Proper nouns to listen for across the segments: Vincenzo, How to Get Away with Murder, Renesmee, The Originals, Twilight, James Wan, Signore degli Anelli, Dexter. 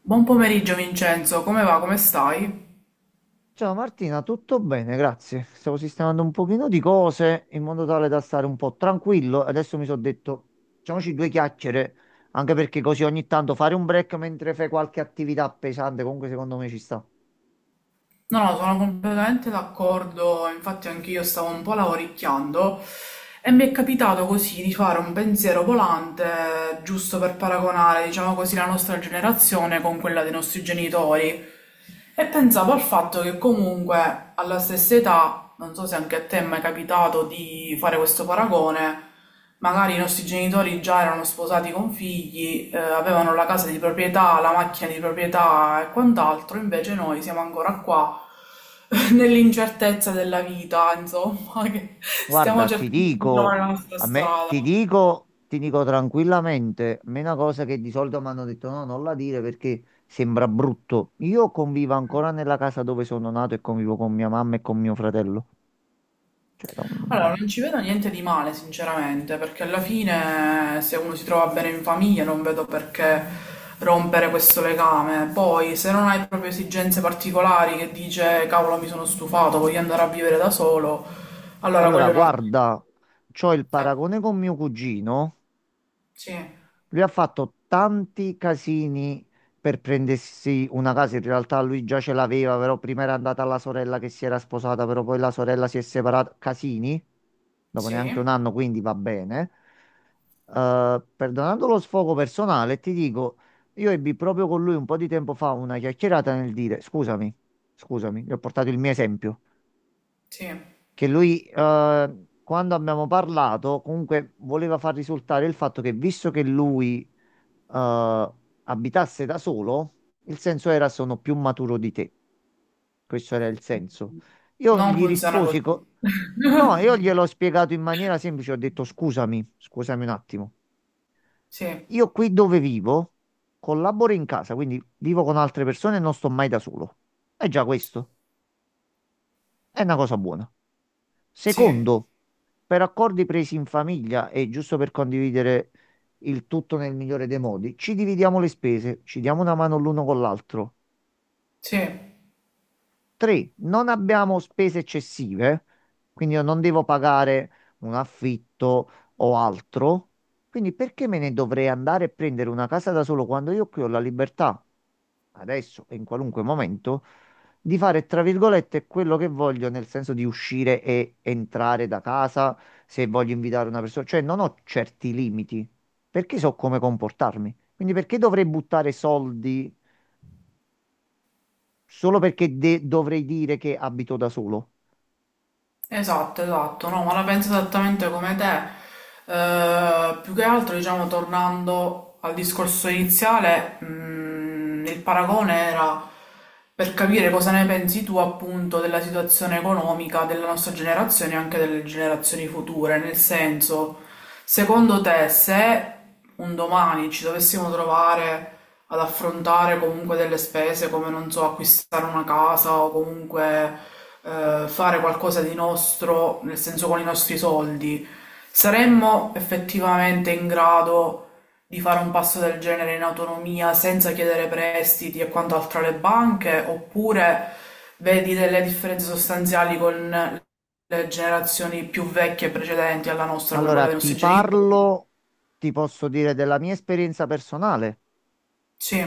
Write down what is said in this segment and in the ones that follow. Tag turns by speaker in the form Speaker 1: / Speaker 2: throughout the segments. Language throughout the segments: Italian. Speaker 1: Buon pomeriggio Vincenzo, come va? Come stai?
Speaker 2: Ciao Martina, tutto bene, grazie. Stavo sistemando un pochino di cose in modo tale da stare un po' tranquillo. Adesso mi sono detto, facciamoci due chiacchiere, anche perché così ogni tanto fare un break mentre fai qualche attività pesante, comunque secondo me ci sta.
Speaker 1: No, no, sono completamente d'accordo, infatti anch'io stavo un po' lavoricchiando e mi è capitato così di fare un pensiero volante, giusto per paragonare, diciamo così, la nostra generazione con quella dei nostri genitori. E pensavo al fatto che comunque alla stessa età, non so se anche a te è mai capitato di fare questo paragone, magari i nostri genitori già erano sposati con figli, avevano la casa di proprietà, la macchina di proprietà e quant'altro, invece noi siamo ancora qua nell'incertezza della vita, insomma, che stiamo
Speaker 2: Guarda, ti
Speaker 1: cercando di
Speaker 2: dico,
Speaker 1: trovare la nostra
Speaker 2: a me, ti
Speaker 1: strada.
Speaker 2: dico, ti dico tranquillamente, a me una cosa che di solito mi hanno detto no, non la dire perché sembra brutto. Io convivo ancora nella casa dove sono nato e convivo con mia mamma e con mio fratello. Cioè,
Speaker 1: Allora,
Speaker 2: non-
Speaker 1: non ci vedo niente di male, sinceramente, perché alla fine se uno si trova bene in famiglia non vedo perché rompere questo legame. Poi, se non hai proprio esigenze particolari che dice cavolo, mi sono stufato, voglio andare a vivere da solo, allora
Speaker 2: Allora,
Speaker 1: quello è un altro...
Speaker 2: guarda, c'ho il
Speaker 1: Eh,
Speaker 2: paragone con mio cugino.
Speaker 1: sì,
Speaker 2: Lui ha fatto tanti casini per prendersi una casa. In realtà lui già ce l'aveva, però prima era andata la sorella che si era sposata, però poi la sorella si è separata. Casini, dopo neanche
Speaker 1: sì,
Speaker 2: un anno, quindi va bene. Perdonando lo sfogo personale, ti dico, io ebbi proprio con lui un po' di tempo fa una chiacchierata nel dire, scusami, gli ho portato il mio esempio.
Speaker 1: sì.
Speaker 2: Che lui, quando abbiamo parlato, comunque voleva far risultare il fatto che visto che lui, eh, abitasse da solo, il senso era sono più maturo di te. Questo era il senso. Io
Speaker 1: Non
Speaker 2: gli
Speaker 1: funziona
Speaker 2: risposi,
Speaker 1: così.
Speaker 2: no, io gliel'ho spiegato in maniera semplice, ho detto scusami un attimo.
Speaker 1: Sì,
Speaker 2: Io qui dove vivo collaboro in casa, quindi vivo con altre persone e non sto mai da solo. È già questo, è una cosa buona.
Speaker 1: sì,
Speaker 2: Secondo, per accordi presi in famiglia e giusto per condividere il tutto nel migliore dei modi, ci dividiamo le spese, ci diamo una mano l'uno con l'altro.
Speaker 1: sì.
Speaker 2: Tre, non abbiamo spese eccessive, quindi io non devo pagare un affitto o altro. Quindi perché me ne dovrei andare e prendere una casa da solo quando io qui ho la libertà, adesso e in qualunque momento, di fare, tra virgolette, quello che voglio, nel senso di uscire e entrare da casa se voglio invitare una persona. Cioè non ho certi limiti, perché so come comportarmi. Quindi perché dovrei buttare soldi solo perché dovrei dire che abito da solo?
Speaker 1: Esatto, esatto, no, ma la penso esattamente come te. Più che altro, diciamo, tornando al discorso iniziale, il paragone era per capire cosa ne pensi tu appunto della situazione economica della nostra generazione e anche delle generazioni future, nel senso, secondo te, se un domani ci dovessimo trovare ad affrontare comunque delle spese come, non so, acquistare una casa o comunque fare qualcosa di nostro, nel senso con i nostri soldi, saremmo effettivamente in grado di fare un passo del genere in autonomia senza chiedere prestiti e quant'altro alle banche, oppure vedi delle differenze sostanziali con le generazioni più vecchie e precedenti alla nostra, come
Speaker 2: Allora,
Speaker 1: quella dei
Speaker 2: ti
Speaker 1: nostri genitori?
Speaker 2: parlo, ti posso dire della mia esperienza personale,
Speaker 1: Sì.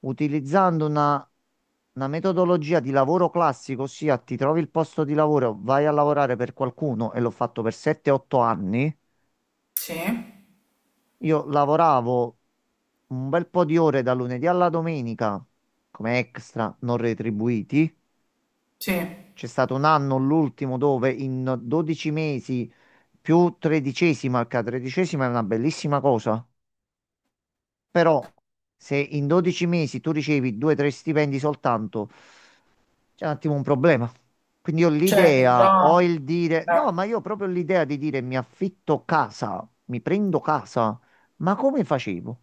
Speaker 2: utilizzando una metodologia di lavoro classico, ossia ti trovi il posto di lavoro, vai a lavorare per qualcuno e l'ho fatto per 7-8 anni.
Speaker 1: Sì,
Speaker 2: Io lavoravo un bel po' di ore da lunedì alla domenica come extra non retribuiti.
Speaker 1: sì.
Speaker 2: C'è stato un anno, l'ultimo, dove in 12 mesi più tredicesima, che la tredicesima è una bellissima cosa. Però se in 12 mesi tu ricevi 2-3 stipendi soltanto, c'è un attimo un problema. Quindi ho
Speaker 1: Certo,
Speaker 2: l'idea,
Speaker 1: già...
Speaker 2: ho il dire, no,
Speaker 1: eh,
Speaker 2: ma io ho proprio l'idea di dire mi affitto casa, mi prendo casa, ma come facevo?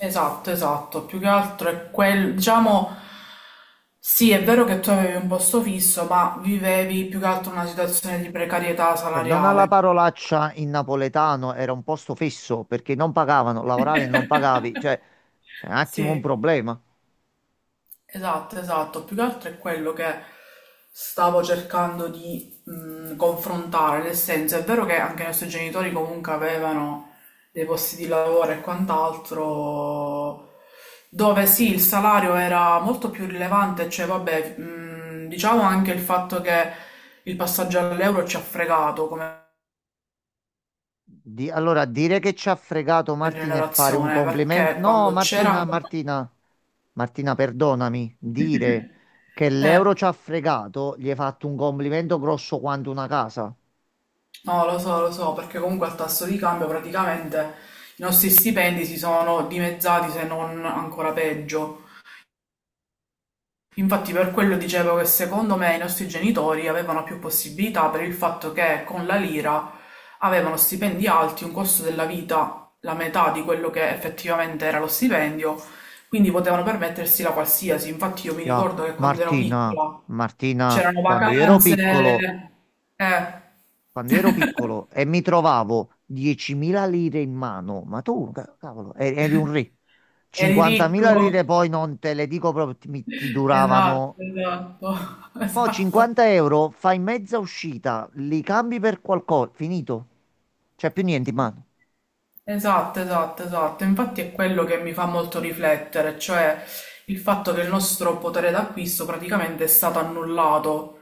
Speaker 1: Esatto, esatto. Più che altro è quel... Diciamo, sì, è vero che tu avevi un posto fisso, ma vivevi più che altro una situazione di precarietà
Speaker 2: Perdona la
Speaker 1: salariale.
Speaker 2: parolaccia in napoletano, era un posto fisso perché non pagavano, lavoravi e non pagavi, cioè c'è un attimo un
Speaker 1: Sì.
Speaker 2: problema.
Speaker 1: Esatto, esatto. Più che altro è quello che stavo cercando di confrontare, nel senso è vero che anche i nostri genitori comunque avevano dei posti di lavoro e quant'altro, dove sì, il salario era molto più rilevante, cioè vabbè, diciamo anche il fatto che il passaggio all'euro ci ha fregato come
Speaker 2: Allora, dire che ci ha fregato Martina e fare un
Speaker 1: generazione,
Speaker 2: complimento.
Speaker 1: perché
Speaker 2: No,
Speaker 1: quando c'era
Speaker 2: Martina,
Speaker 1: ancora...
Speaker 2: Martina, Martina, perdonami. Dire che
Speaker 1: Eh,
Speaker 2: l'euro ci ha fregato, gli hai fatto un complimento grosso quanto una casa.
Speaker 1: no, lo so, perché comunque al tasso di cambio praticamente i nostri stipendi si sono dimezzati, se non ancora peggio. Infatti per quello dicevo che secondo me i nostri genitori avevano più possibilità per il fatto che con la lira avevano stipendi alti, un costo della vita la metà di quello che effettivamente era lo stipendio, quindi potevano permettersi la qualsiasi. Infatti io mi ricordo
Speaker 2: Ya,
Speaker 1: che quando ero
Speaker 2: Martina,
Speaker 1: piccola
Speaker 2: Martina,
Speaker 1: c'erano
Speaker 2: quando io ero
Speaker 1: vacanze,
Speaker 2: piccolo,
Speaker 1: eh,
Speaker 2: quando io ero piccolo e mi trovavo 10.000 lire in mano, ma tu, cavolo, eri un re.
Speaker 1: eri ricco.
Speaker 2: 50.000 lire poi non te le dico proprio, ti
Speaker 1: Esatto,
Speaker 2: duravano.
Speaker 1: esatto,
Speaker 2: Mo'
Speaker 1: esatto,
Speaker 2: 50 euro, fai mezza uscita, li cambi per qualcosa, finito. C'è più niente in mano.
Speaker 1: esatto, esatto, esatto. Infatti è quello che mi fa molto riflettere, cioè il fatto che il nostro potere d'acquisto praticamente è stato annullato.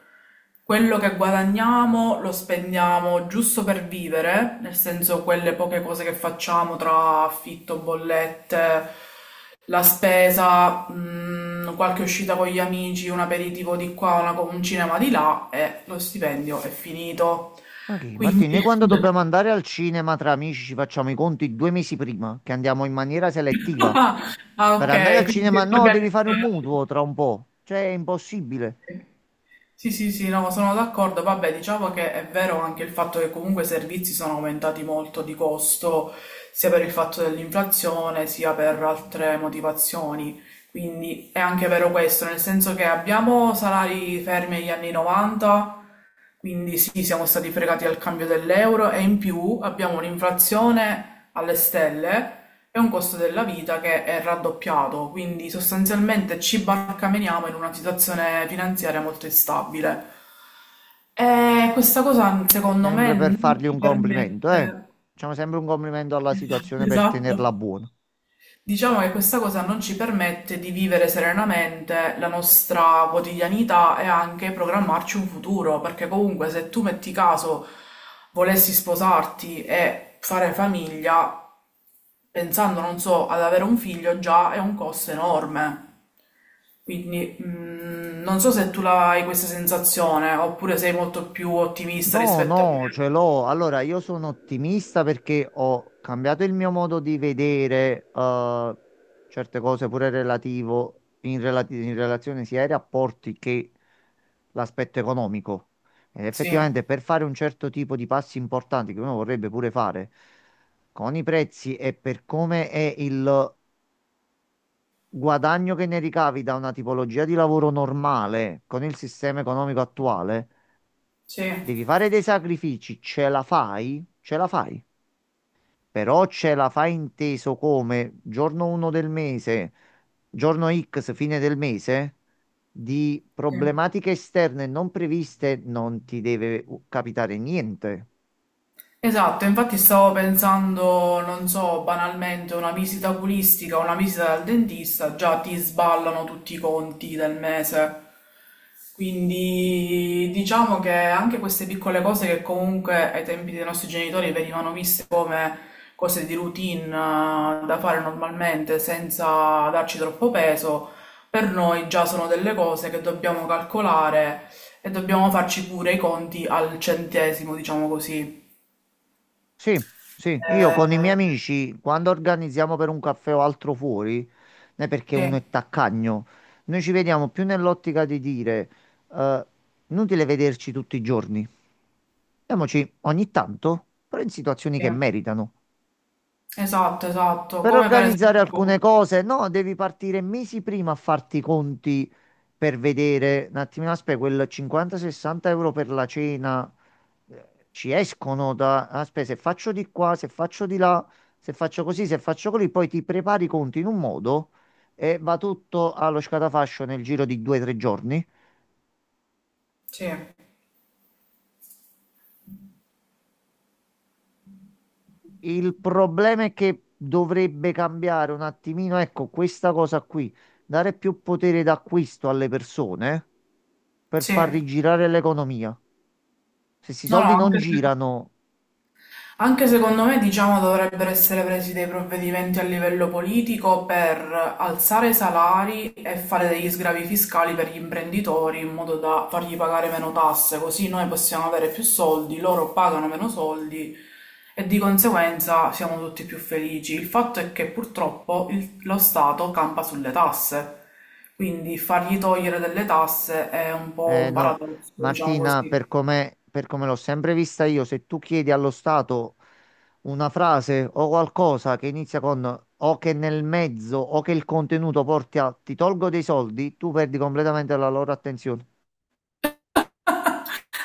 Speaker 1: Quello che guadagniamo lo spendiamo giusto per vivere, nel senso quelle poche cose che facciamo tra affitto, bollette, la spesa, qualche uscita con gli amici, un aperitivo di qua, un cinema di là e lo stipendio è finito.
Speaker 2: Ma che,
Speaker 1: Quindi
Speaker 2: Martino, noi quando
Speaker 1: già,
Speaker 2: dobbiamo andare al cinema tra amici ci facciamo i conti due mesi prima, che andiamo in maniera selettiva.
Speaker 1: ah, ah,
Speaker 2: Per andare al
Speaker 1: okay, quindi
Speaker 2: cinema
Speaker 1: siete
Speaker 2: no, devi fare un
Speaker 1: organizzati.
Speaker 2: mutuo tra un po'. Cioè, è impossibile.
Speaker 1: Sì, sì, sì, no, sono d'accordo. Vabbè, diciamo che è vero anche il fatto che comunque i servizi sono aumentati molto di costo, sia per il fatto dell'inflazione, sia per altre motivazioni. Quindi è anche vero questo, nel senso che abbiamo salari fermi agli anni 90. Quindi sì, siamo stati fregati al cambio dell'euro e in più abbiamo un'inflazione alle stelle e un costo della vita che è raddoppiato, quindi sostanzialmente ci barcameniamo in una situazione finanziaria molto instabile. E questa cosa secondo me
Speaker 2: Sempre per
Speaker 1: non
Speaker 2: fargli
Speaker 1: ci
Speaker 2: un complimento, eh.
Speaker 1: permette...
Speaker 2: Facciamo sempre un complimento alla situazione per tenerla
Speaker 1: Esatto.
Speaker 2: buona.
Speaker 1: Diciamo che questa cosa non ci permette di vivere serenamente la nostra quotidianità e anche programmarci un futuro, perché comunque se tu metti caso volessi sposarti e fare famiglia, pensando, non so, ad avere un figlio già è un costo enorme. Quindi non so se tu la hai questa sensazione oppure sei molto più ottimista
Speaker 2: No,
Speaker 1: rispetto a me.
Speaker 2: no, ce l'ho. Allora, io sono ottimista perché ho cambiato il mio modo di vedere certe cose, pure relativo, in relazione sia ai rapporti che l'aspetto economico. Ed
Speaker 1: Sì,
Speaker 2: effettivamente per fare un certo tipo di passi importanti che uno vorrebbe pure fare con i prezzi e per come è il guadagno che ne ricavi da una tipologia di lavoro normale con il sistema economico attuale.
Speaker 1: sì,
Speaker 2: Devi fare dei sacrifici, ce la fai? Ce la fai. Però ce la fai inteso come giorno 1 del mese, giorno X, fine del mese, di
Speaker 1: sì.
Speaker 2: problematiche esterne non previste non ti deve capitare niente.
Speaker 1: Esatto, infatti stavo pensando, non so, banalmente una visita oculistica, una visita dal dentista, già ti sballano tutti i conti del mese. Quindi diciamo che anche queste piccole cose che comunque ai tempi dei nostri genitori venivano viste come cose di routine da fare normalmente senza darci troppo peso, per noi già sono delle cose che dobbiamo calcolare e dobbiamo farci pure i conti al centesimo, diciamo così.
Speaker 2: Sì, sì, io con i miei
Speaker 1: Eh,
Speaker 2: amici, quando organizziamo per un caffè o altro fuori, non è perché uno
Speaker 1: sì,
Speaker 2: è taccagno, noi ci vediamo più nell'ottica di dire, eh, inutile vederci tutti i giorni, vediamoci ogni tanto, però in situazioni
Speaker 1: sì,
Speaker 2: che meritano.
Speaker 1: esatto, esatto,
Speaker 2: Per
Speaker 1: come per
Speaker 2: organizzare alcune
Speaker 1: esempio,
Speaker 2: cose, no, devi partire mesi prima a farti i conti per vedere un attimino, aspetta, quel 50-60 € per la cena ci escono da, aspetta, se faccio di qua, se faccio di là, se faccio così, se faccio così, poi ti prepari i conti in un modo e va tutto allo scatafascio nel giro di 2-3 giorni.
Speaker 1: sì,
Speaker 2: Il problema è che dovrebbe cambiare un attimino, ecco, questa cosa qui, dare più potere d'acquisto alle persone per
Speaker 1: sì,
Speaker 2: far
Speaker 1: no,
Speaker 2: rigirare l'economia. Se questi
Speaker 1: no,
Speaker 2: soldi non
Speaker 1: anche secondo
Speaker 2: girano,
Speaker 1: Anche secondo me, diciamo, dovrebbero essere presi dei provvedimenti a livello politico per alzare i salari e fare degli sgravi fiscali per gli imprenditori in modo da fargli pagare meno tasse, così noi possiamo avere più soldi, loro pagano meno soldi e di conseguenza siamo tutti più felici. Il fatto è che purtroppo lo Stato campa sulle tasse, quindi fargli togliere delle tasse è un po' un
Speaker 2: no,
Speaker 1: paradosso, diciamo
Speaker 2: Martina,
Speaker 1: così.
Speaker 2: per come l'ho sempre vista io, se tu chiedi allo Stato una frase o qualcosa che inizia con o che nel mezzo o che il contenuto porti a ti tolgo dei soldi, tu perdi completamente la loro attenzione.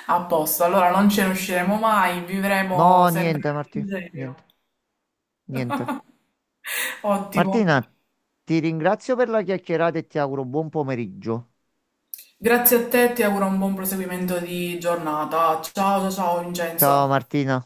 Speaker 1: A posto, allora non ce ne usciremo mai, vivremo
Speaker 2: No,
Speaker 1: sempre
Speaker 2: niente,
Speaker 1: in
Speaker 2: Martina, niente,
Speaker 1: serio.
Speaker 2: niente.
Speaker 1: Ottimo.
Speaker 2: Martina, ti ringrazio per la chiacchierata e ti auguro buon pomeriggio.
Speaker 1: Grazie a te, ti auguro un buon proseguimento di giornata. Ciao, ciao, ciao
Speaker 2: Ciao
Speaker 1: Vincenzo.
Speaker 2: Martina.